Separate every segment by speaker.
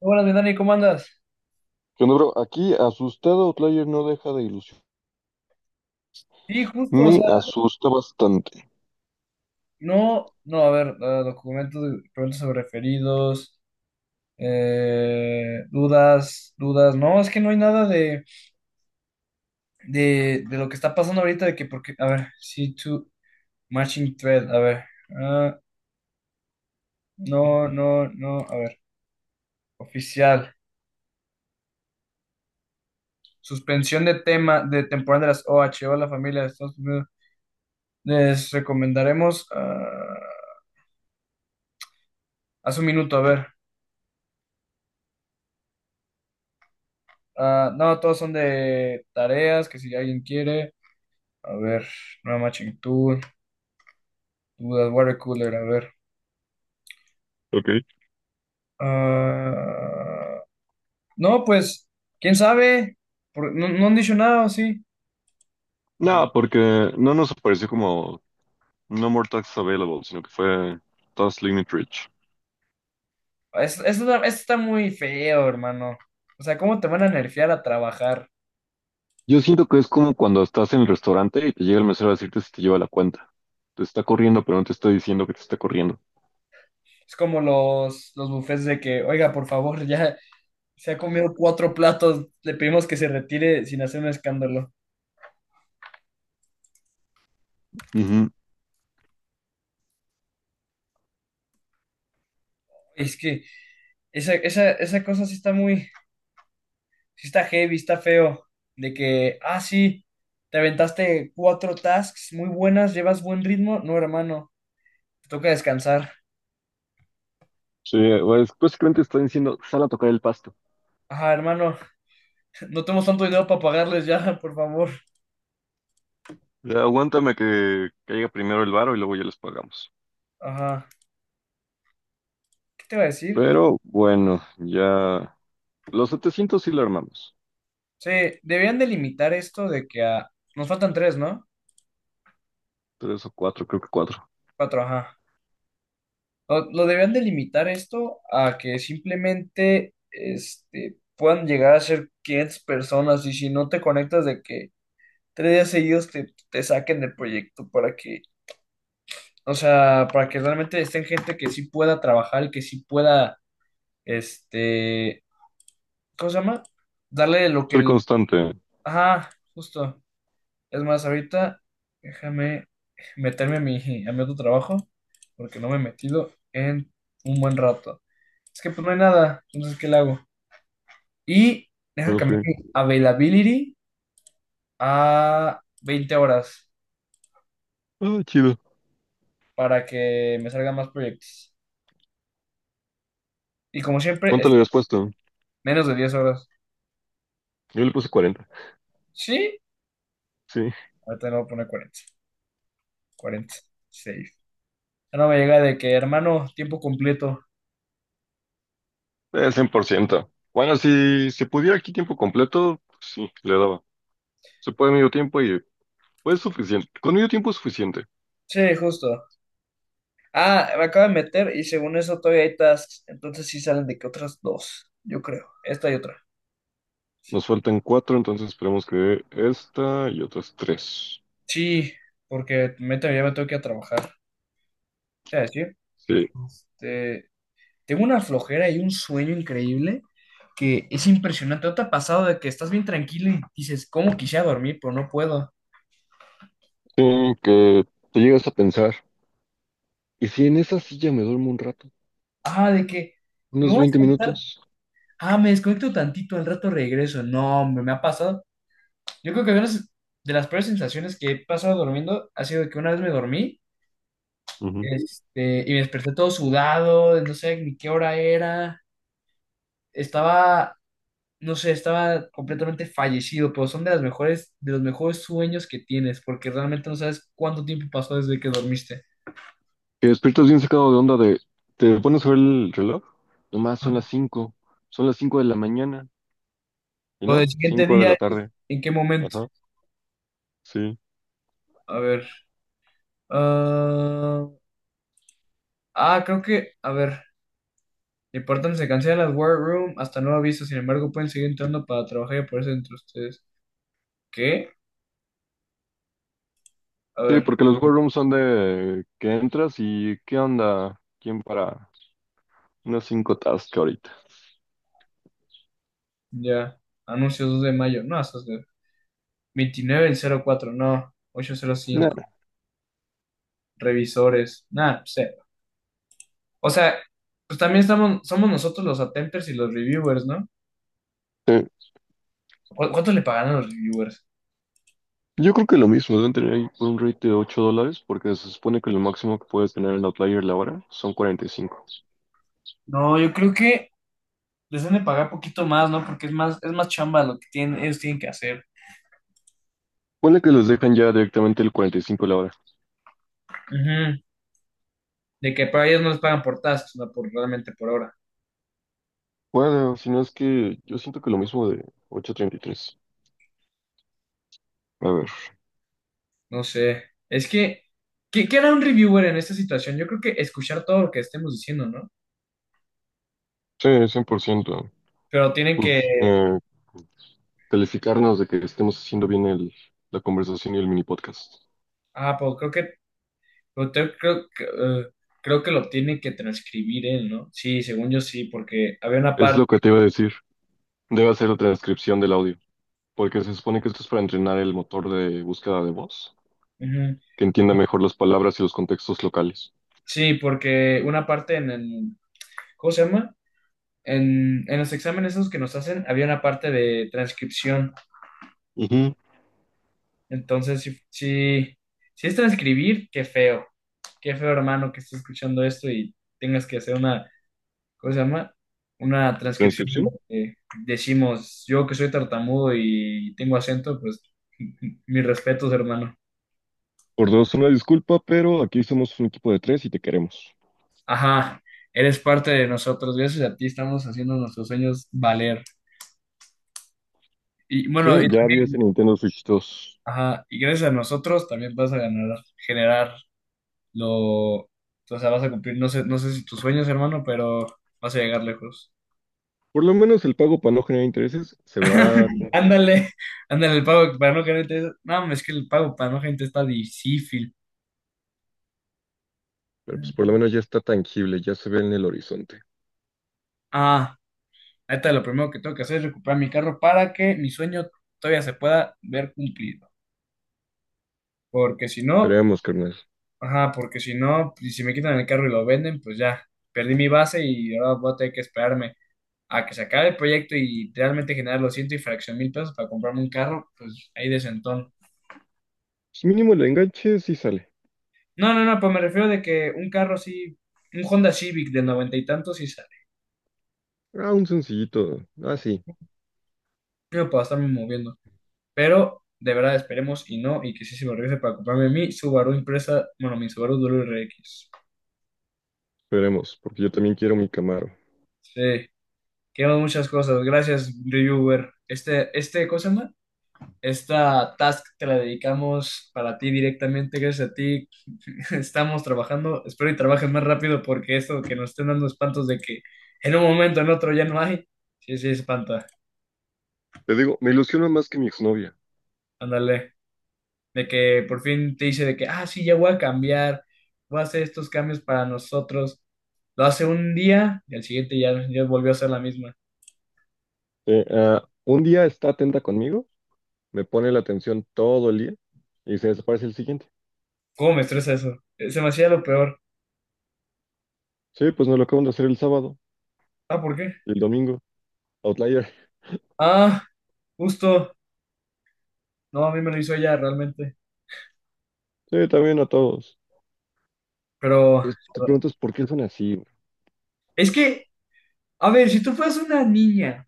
Speaker 1: Buenas mi Dani, ¿cómo andas?
Speaker 2: ¿Qué onda, bro? Aquí asustado, Outlier no deja de ilusión.
Speaker 1: Sí, justo, o
Speaker 2: Me
Speaker 1: sea,
Speaker 2: asusta bastante.
Speaker 1: no, no, a ver, documentos sobre referidos, dudas, no, es que no hay nada de lo que está pasando ahorita, de que, porque, a ver, C2, matching thread, a ver, ah, no, no, no, a ver, oficial, suspensión de tema, de temporada de las OH, la familia de Estados Unidos, les recomendaremos, hace un minuto, a ver. No, todos son de tareas, que si alguien quiere. A ver, no matching tool, dudas, water cooler, a ver.
Speaker 2: Ok.
Speaker 1: Ah, no, pues, quién sabe. No, no han dicho nada, ¿o sí? Eso no.
Speaker 2: No, porque no nos apareció como No More Tax Available, sino que fue Task Limit Reach.
Speaker 1: Esto está muy feo, hermano. O sea, ¿cómo te van a nerfear a trabajar?
Speaker 2: Yo siento que es como cuando estás en el restaurante y te llega el mesero a decirte si te lleva la cuenta. Te está corriendo, pero no te está diciendo que te está corriendo.
Speaker 1: Es como los bufés de que, oiga, por favor, ya se ha comido cuatro platos, le pedimos que se retire sin hacer un escándalo.
Speaker 2: Ujú.
Speaker 1: Es que esa cosa sí está muy, sí está heavy, está feo, de que, sí, te aventaste cuatro tasks muy buenas, llevas buen ritmo, no, hermano, te toca descansar.
Speaker 2: Sí, pues básicamente está diciendo, sal a tocar el pasto.
Speaker 1: Ajá, hermano, no tenemos tanto dinero para pagarles ya, por favor.
Speaker 2: Ya, aguántame que caiga primero el varo y luego ya les pagamos.
Speaker 1: Ajá, ¿qué te iba a decir?
Speaker 2: Pero bueno, ya los 700 sí lo armamos.
Speaker 1: Sí, debían delimitar esto Nos faltan tres, ¿no?
Speaker 2: Tres o cuatro, creo que cuatro.
Speaker 1: Cuatro, ajá. Lo debían delimitar esto a que simplemente, este, puedan llegar a ser 500 personas y si no te conectas de que 3 días seguidos te saquen del proyecto para que o sea, para que realmente estén gente que sí pueda trabajar, y que sí pueda, este, ¿cómo se llama? Darle lo que
Speaker 2: Soy
Speaker 1: el...
Speaker 2: constante.
Speaker 1: Ajá, justo. Es más, ahorita déjame meterme a mi otro trabajo, porque no me he metido en un buen rato. Es que pues no hay nada, entonces, ¿qué le hago? Y deja
Speaker 2: Ok.
Speaker 1: cambiar mi availability a 20 horas
Speaker 2: Ah, chido.
Speaker 1: para que me salgan más proyectos. Y como siempre,
Speaker 2: ¿Cuánto le
Speaker 1: está
Speaker 2: habías puesto?
Speaker 1: menos de 10 horas.
Speaker 2: Yo le puse 40.
Speaker 1: Sí,
Speaker 2: Sí,
Speaker 1: ahorita le voy a poner 40, 46. Ya no me llega de que, hermano, tiempo completo.
Speaker 2: 100%. Bueno, si se pudiera aquí tiempo completo, sí, le daba. Se puede medio tiempo y pues suficiente. Con medio tiempo es suficiente.
Speaker 1: Sí, justo. Ah, me acabo de meter y según eso todavía hay tasks. Entonces sí salen de que otras dos, yo creo. Esta y otra.
Speaker 2: Nos faltan cuatro, entonces esperemos que esta y otras tres.
Speaker 1: Sí, porque ya me tengo que ir a trabajar. Te voy a decir,
Speaker 2: Sí.
Speaker 1: te- tengo una flojera y un sueño increíble que es impresionante. ¿No te ha pasado de que estás bien tranquilo y dices, cómo quisiera dormir, pero no puedo?
Speaker 2: Sí, que te llegas a pensar. ¿Y si en esa silla me duermo un rato?
Speaker 1: Ah, de que me
Speaker 2: Unos
Speaker 1: voy a
Speaker 2: 20
Speaker 1: desconectar.
Speaker 2: minutos.
Speaker 1: Ah, me desconecto tantito, al rato regreso. No, hombre, me ha pasado. Yo creo que una de las peores sensaciones que he pasado durmiendo ha sido que una vez me dormí,
Speaker 2: Ujú.
Speaker 1: este, y me desperté todo sudado, no sé ni qué hora era, estaba, no sé, estaba completamente fallecido, pero son de las mejores, de los mejores sueños que tienes, porque realmente no sabes cuánto tiempo pasó desde que dormiste.
Speaker 2: Que despiertas bien sacado de onda de. Te pones a ver el reloj. Nomás son
Speaker 1: Ah.
Speaker 2: las 5. Son las cinco de la mañana. ¿Y
Speaker 1: O
Speaker 2: no?
Speaker 1: del siguiente
Speaker 2: 5 de
Speaker 1: día,
Speaker 2: la tarde.
Speaker 1: ¿en qué momento?
Speaker 2: Ajá. Sí.
Speaker 1: A ver. ah, Creo que, a ver, el se cancela las War Room hasta nuevo aviso, sin embargo pueden seguir entrando para trabajar y aparecer entre ustedes. ¿Qué? A
Speaker 2: Sí,
Speaker 1: ver,
Speaker 2: porque los war rooms son de que entras y ¿qué onda? ¿Quién para unas cinco tasks ahorita?
Speaker 1: ya. Anuncios 2 de mayo. No, eso es de 29 del 04, no. 805, Revisores. Nada, sé. O sea, pues también estamos, somos nosotros los attempters y los reviewers, ¿no?
Speaker 2: Eh,
Speaker 1: ¿Cuánto le pagan a los reviewers?
Speaker 2: yo creo que lo mismo, deben tener ahí un rate de $8 porque se supone que lo máximo que puedes tener el Outlier la hora son 45.
Speaker 1: No, yo creo que les deben de pagar poquito más, ¿no? Porque es más chamba lo que tienen, ellos tienen que hacer.
Speaker 2: Ponle que los dejan ya directamente el 45 la hora.
Speaker 1: Ujú. De que para ellos no les pagan por tasks, no por realmente por hora.
Speaker 2: Bueno, si no es que yo siento que lo mismo de 8.33. A ver,
Speaker 1: No sé. Es que, ¿qué hará un reviewer en esta situación? Yo creo que escuchar todo lo que estemos diciendo, ¿no?
Speaker 2: sí, 100%.
Speaker 1: Pero tienen
Speaker 2: Pues
Speaker 1: que,
Speaker 2: calificarnos de que estemos haciendo bien la conversación y el mini podcast.
Speaker 1: pues creo que, pero creo que lo tiene que transcribir él, ¿no? Sí, según yo sí, porque había una
Speaker 2: Es
Speaker 1: parte,
Speaker 2: lo que te iba a decir. Debe hacer la transcripción del audio porque se supone que esto es para entrenar el motor de búsqueda de voz,
Speaker 1: ujú,
Speaker 2: que entienda mejor las palabras y los contextos locales.
Speaker 1: sí, porque una parte en, el, ¿cómo se llama? En los exámenes esos que nos hacen, había una parte de transcripción.
Speaker 2: Ujú.
Speaker 1: Entonces, sí, sí, si es transcribir, qué feo, hermano, que estés escuchando esto y tengas que hacer una, ¿cómo se llama? Una transcripción de
Speaker 2: Transcripción.
Speaker 1: lo que decimos. Yo que soy tartamudo y tengo acento, pues mis respetos, hermano.
Speaker 2: Por dos, una disculpa, pero aquí somos un equipo de tres y te queremos.
Speaker 1: Ajá, eres parte de nosotros. Gracias a ti estamos haciendo nuestros sueños valer. Y bueno,
Speaker 2: Sí,
Speaker 1: y
Speaker 2: ya había ese
Speaker 1: también,
Speaker 2: Nintendo Switch 2.
Speaker 1: ajá, y gracias a nosotros también vas a ganar, generar lo, o sea, vas a cumplir, no sé, no sé si tus sueños, hermano, pero vas a llegar lejos.
Speaker 2: Por lo menos el pago para no generar intereses se va a cumplir.
Speaker 1: Ándale, ándale, el pago para no gente, no, es que el pago para no gente está difícil.
Speaker 2: Pero pues por lo menos ya está tangible, ya se ve en el horizonte.
Speaker 1: Ah, ahorita lo primero que tengo que hacer es recuperar mi carro para que mi sueño todavía se pueda ver cumplido. Porque si no,
Speaker 2: Esperemos, carnal.
Speaker 1: ajá, porque si no, y si me quitan el carro y lo venden, pues ya, perdí mi base y ahora voy a tener que esperarme a que se acabe el proyecto y realmente generar los ciento y fracción mil pesos para comprarme un carro, pues ahí de sentón.
Speaker 2: Pues mínimo el enganche sí sale.
Speaker 1: No, no, no, pues me refiero de que un carro así, un Honda Civic de noventa y tantos sí sale.
Speaker 2: Ah, un sencillito. Ah, sí.
Speaker 1: Yo puedo estarme moviendo. Pero de verdad esperemos y no, y que sí se me regrese para comprarme mi Subaru impresa, bueno, mi Subaru WRX.
Speaker 2: Esperemos, porque yo también quiero mi Camaro.
Speaker 1: Sí, queremos muchas cosas. Gracias, reviewer. ¿Cómo se llama? Esta task te la dedicamos para ti directamente, gracias a ti. Estamos trabajando, espero y trabajes más rápido porque esto que nos estén dando espantos de que en un momento, en otro ya no hay, sí, sí, espanta.
Speaker 2: Te digo, me ilusiona más que mi exnovia.
Speaker 1: Ándale. De que por fin te dice de que, sí, ya voy a cambiar, voy a hacer estos cambios para nosotros. Lo hace un día y al siguiente ya volvió a ser la misma.
Speaker 2: Un día está atenta conmigo, me pone la atención todo el día y se desaparece el siguiente.
Speaker 1: ¿Cómo me estresa eso? Se me hacía lo peor.
Speaker 2: Sí, pues nos lo acaban de hacer el sábado.
Speaker 1: Ah, ¿por qué?
Speaker 2: El domingo, Outlier.
Speaker 1: Ah, justo. No, a mí me lo hizo ella realmente.
Speaker 2: Sí, también a todos.
Speaker 1: Pero
Speaker 2: Te preguntas por qué son así, bro.
Speaker 1: es que, a ver, si tú fueras una niña,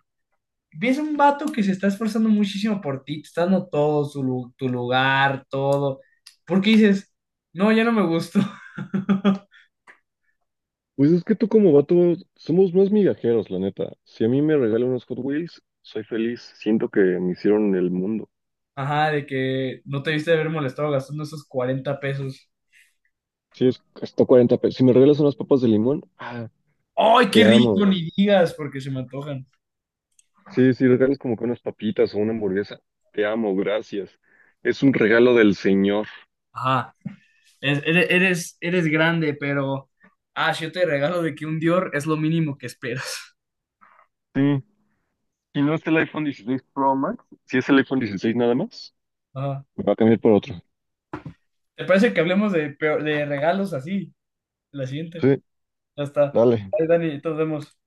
Speaker 1: ves un vato que se está esforzando muchísimo por ti, te está dando todo, tu lugar, todo, ¿por qué dices, no, ya no me gustó?
Speaker 2: Pues es que tú como vato, somos más migajeros, la neta. Si a mí me regalan unos Hot Wheels, soy feliz. Siento que me hicieron el mundo.
Speaker 1: Ajá, de que no te debiste de haber molestado gastando esos 40 pesos.
Speaker 2: Sí, es hasta 40 pesos. Si me regalas unas papas de limón, ah,
Speaker 1: ¡Ay, qué
Speaker 2: te
Speaker 1: rico!
Speaker 2: amo.
Speaker 1: Ni digas, porque se me antojan.
Speaker 2: Sí, si regalas como que unas papitas o una hamburguesa, te amo, gracias. Es un regalo del Señor.
Speaker 1: Ajá, eres, eres, eres grande, pero... Ah, si yo te regalo de que un Dior es lo mínimo que esperas.
Speaker 2: Sí, si no es el iPhone 16 Pro Max, si es el iPhone 16 nada más,
Speaker 1: Ajá.
Speaker 2: me va a cambiar por otro.
Speaker 1: ¿Te parece que hablemos de, de regalos así? La siguiente.
Speaker 2: Sí,
Speaker 1: Ya está.
Speaker 2: dale.
Speaker 1: Ahí, Dani, nos vemos.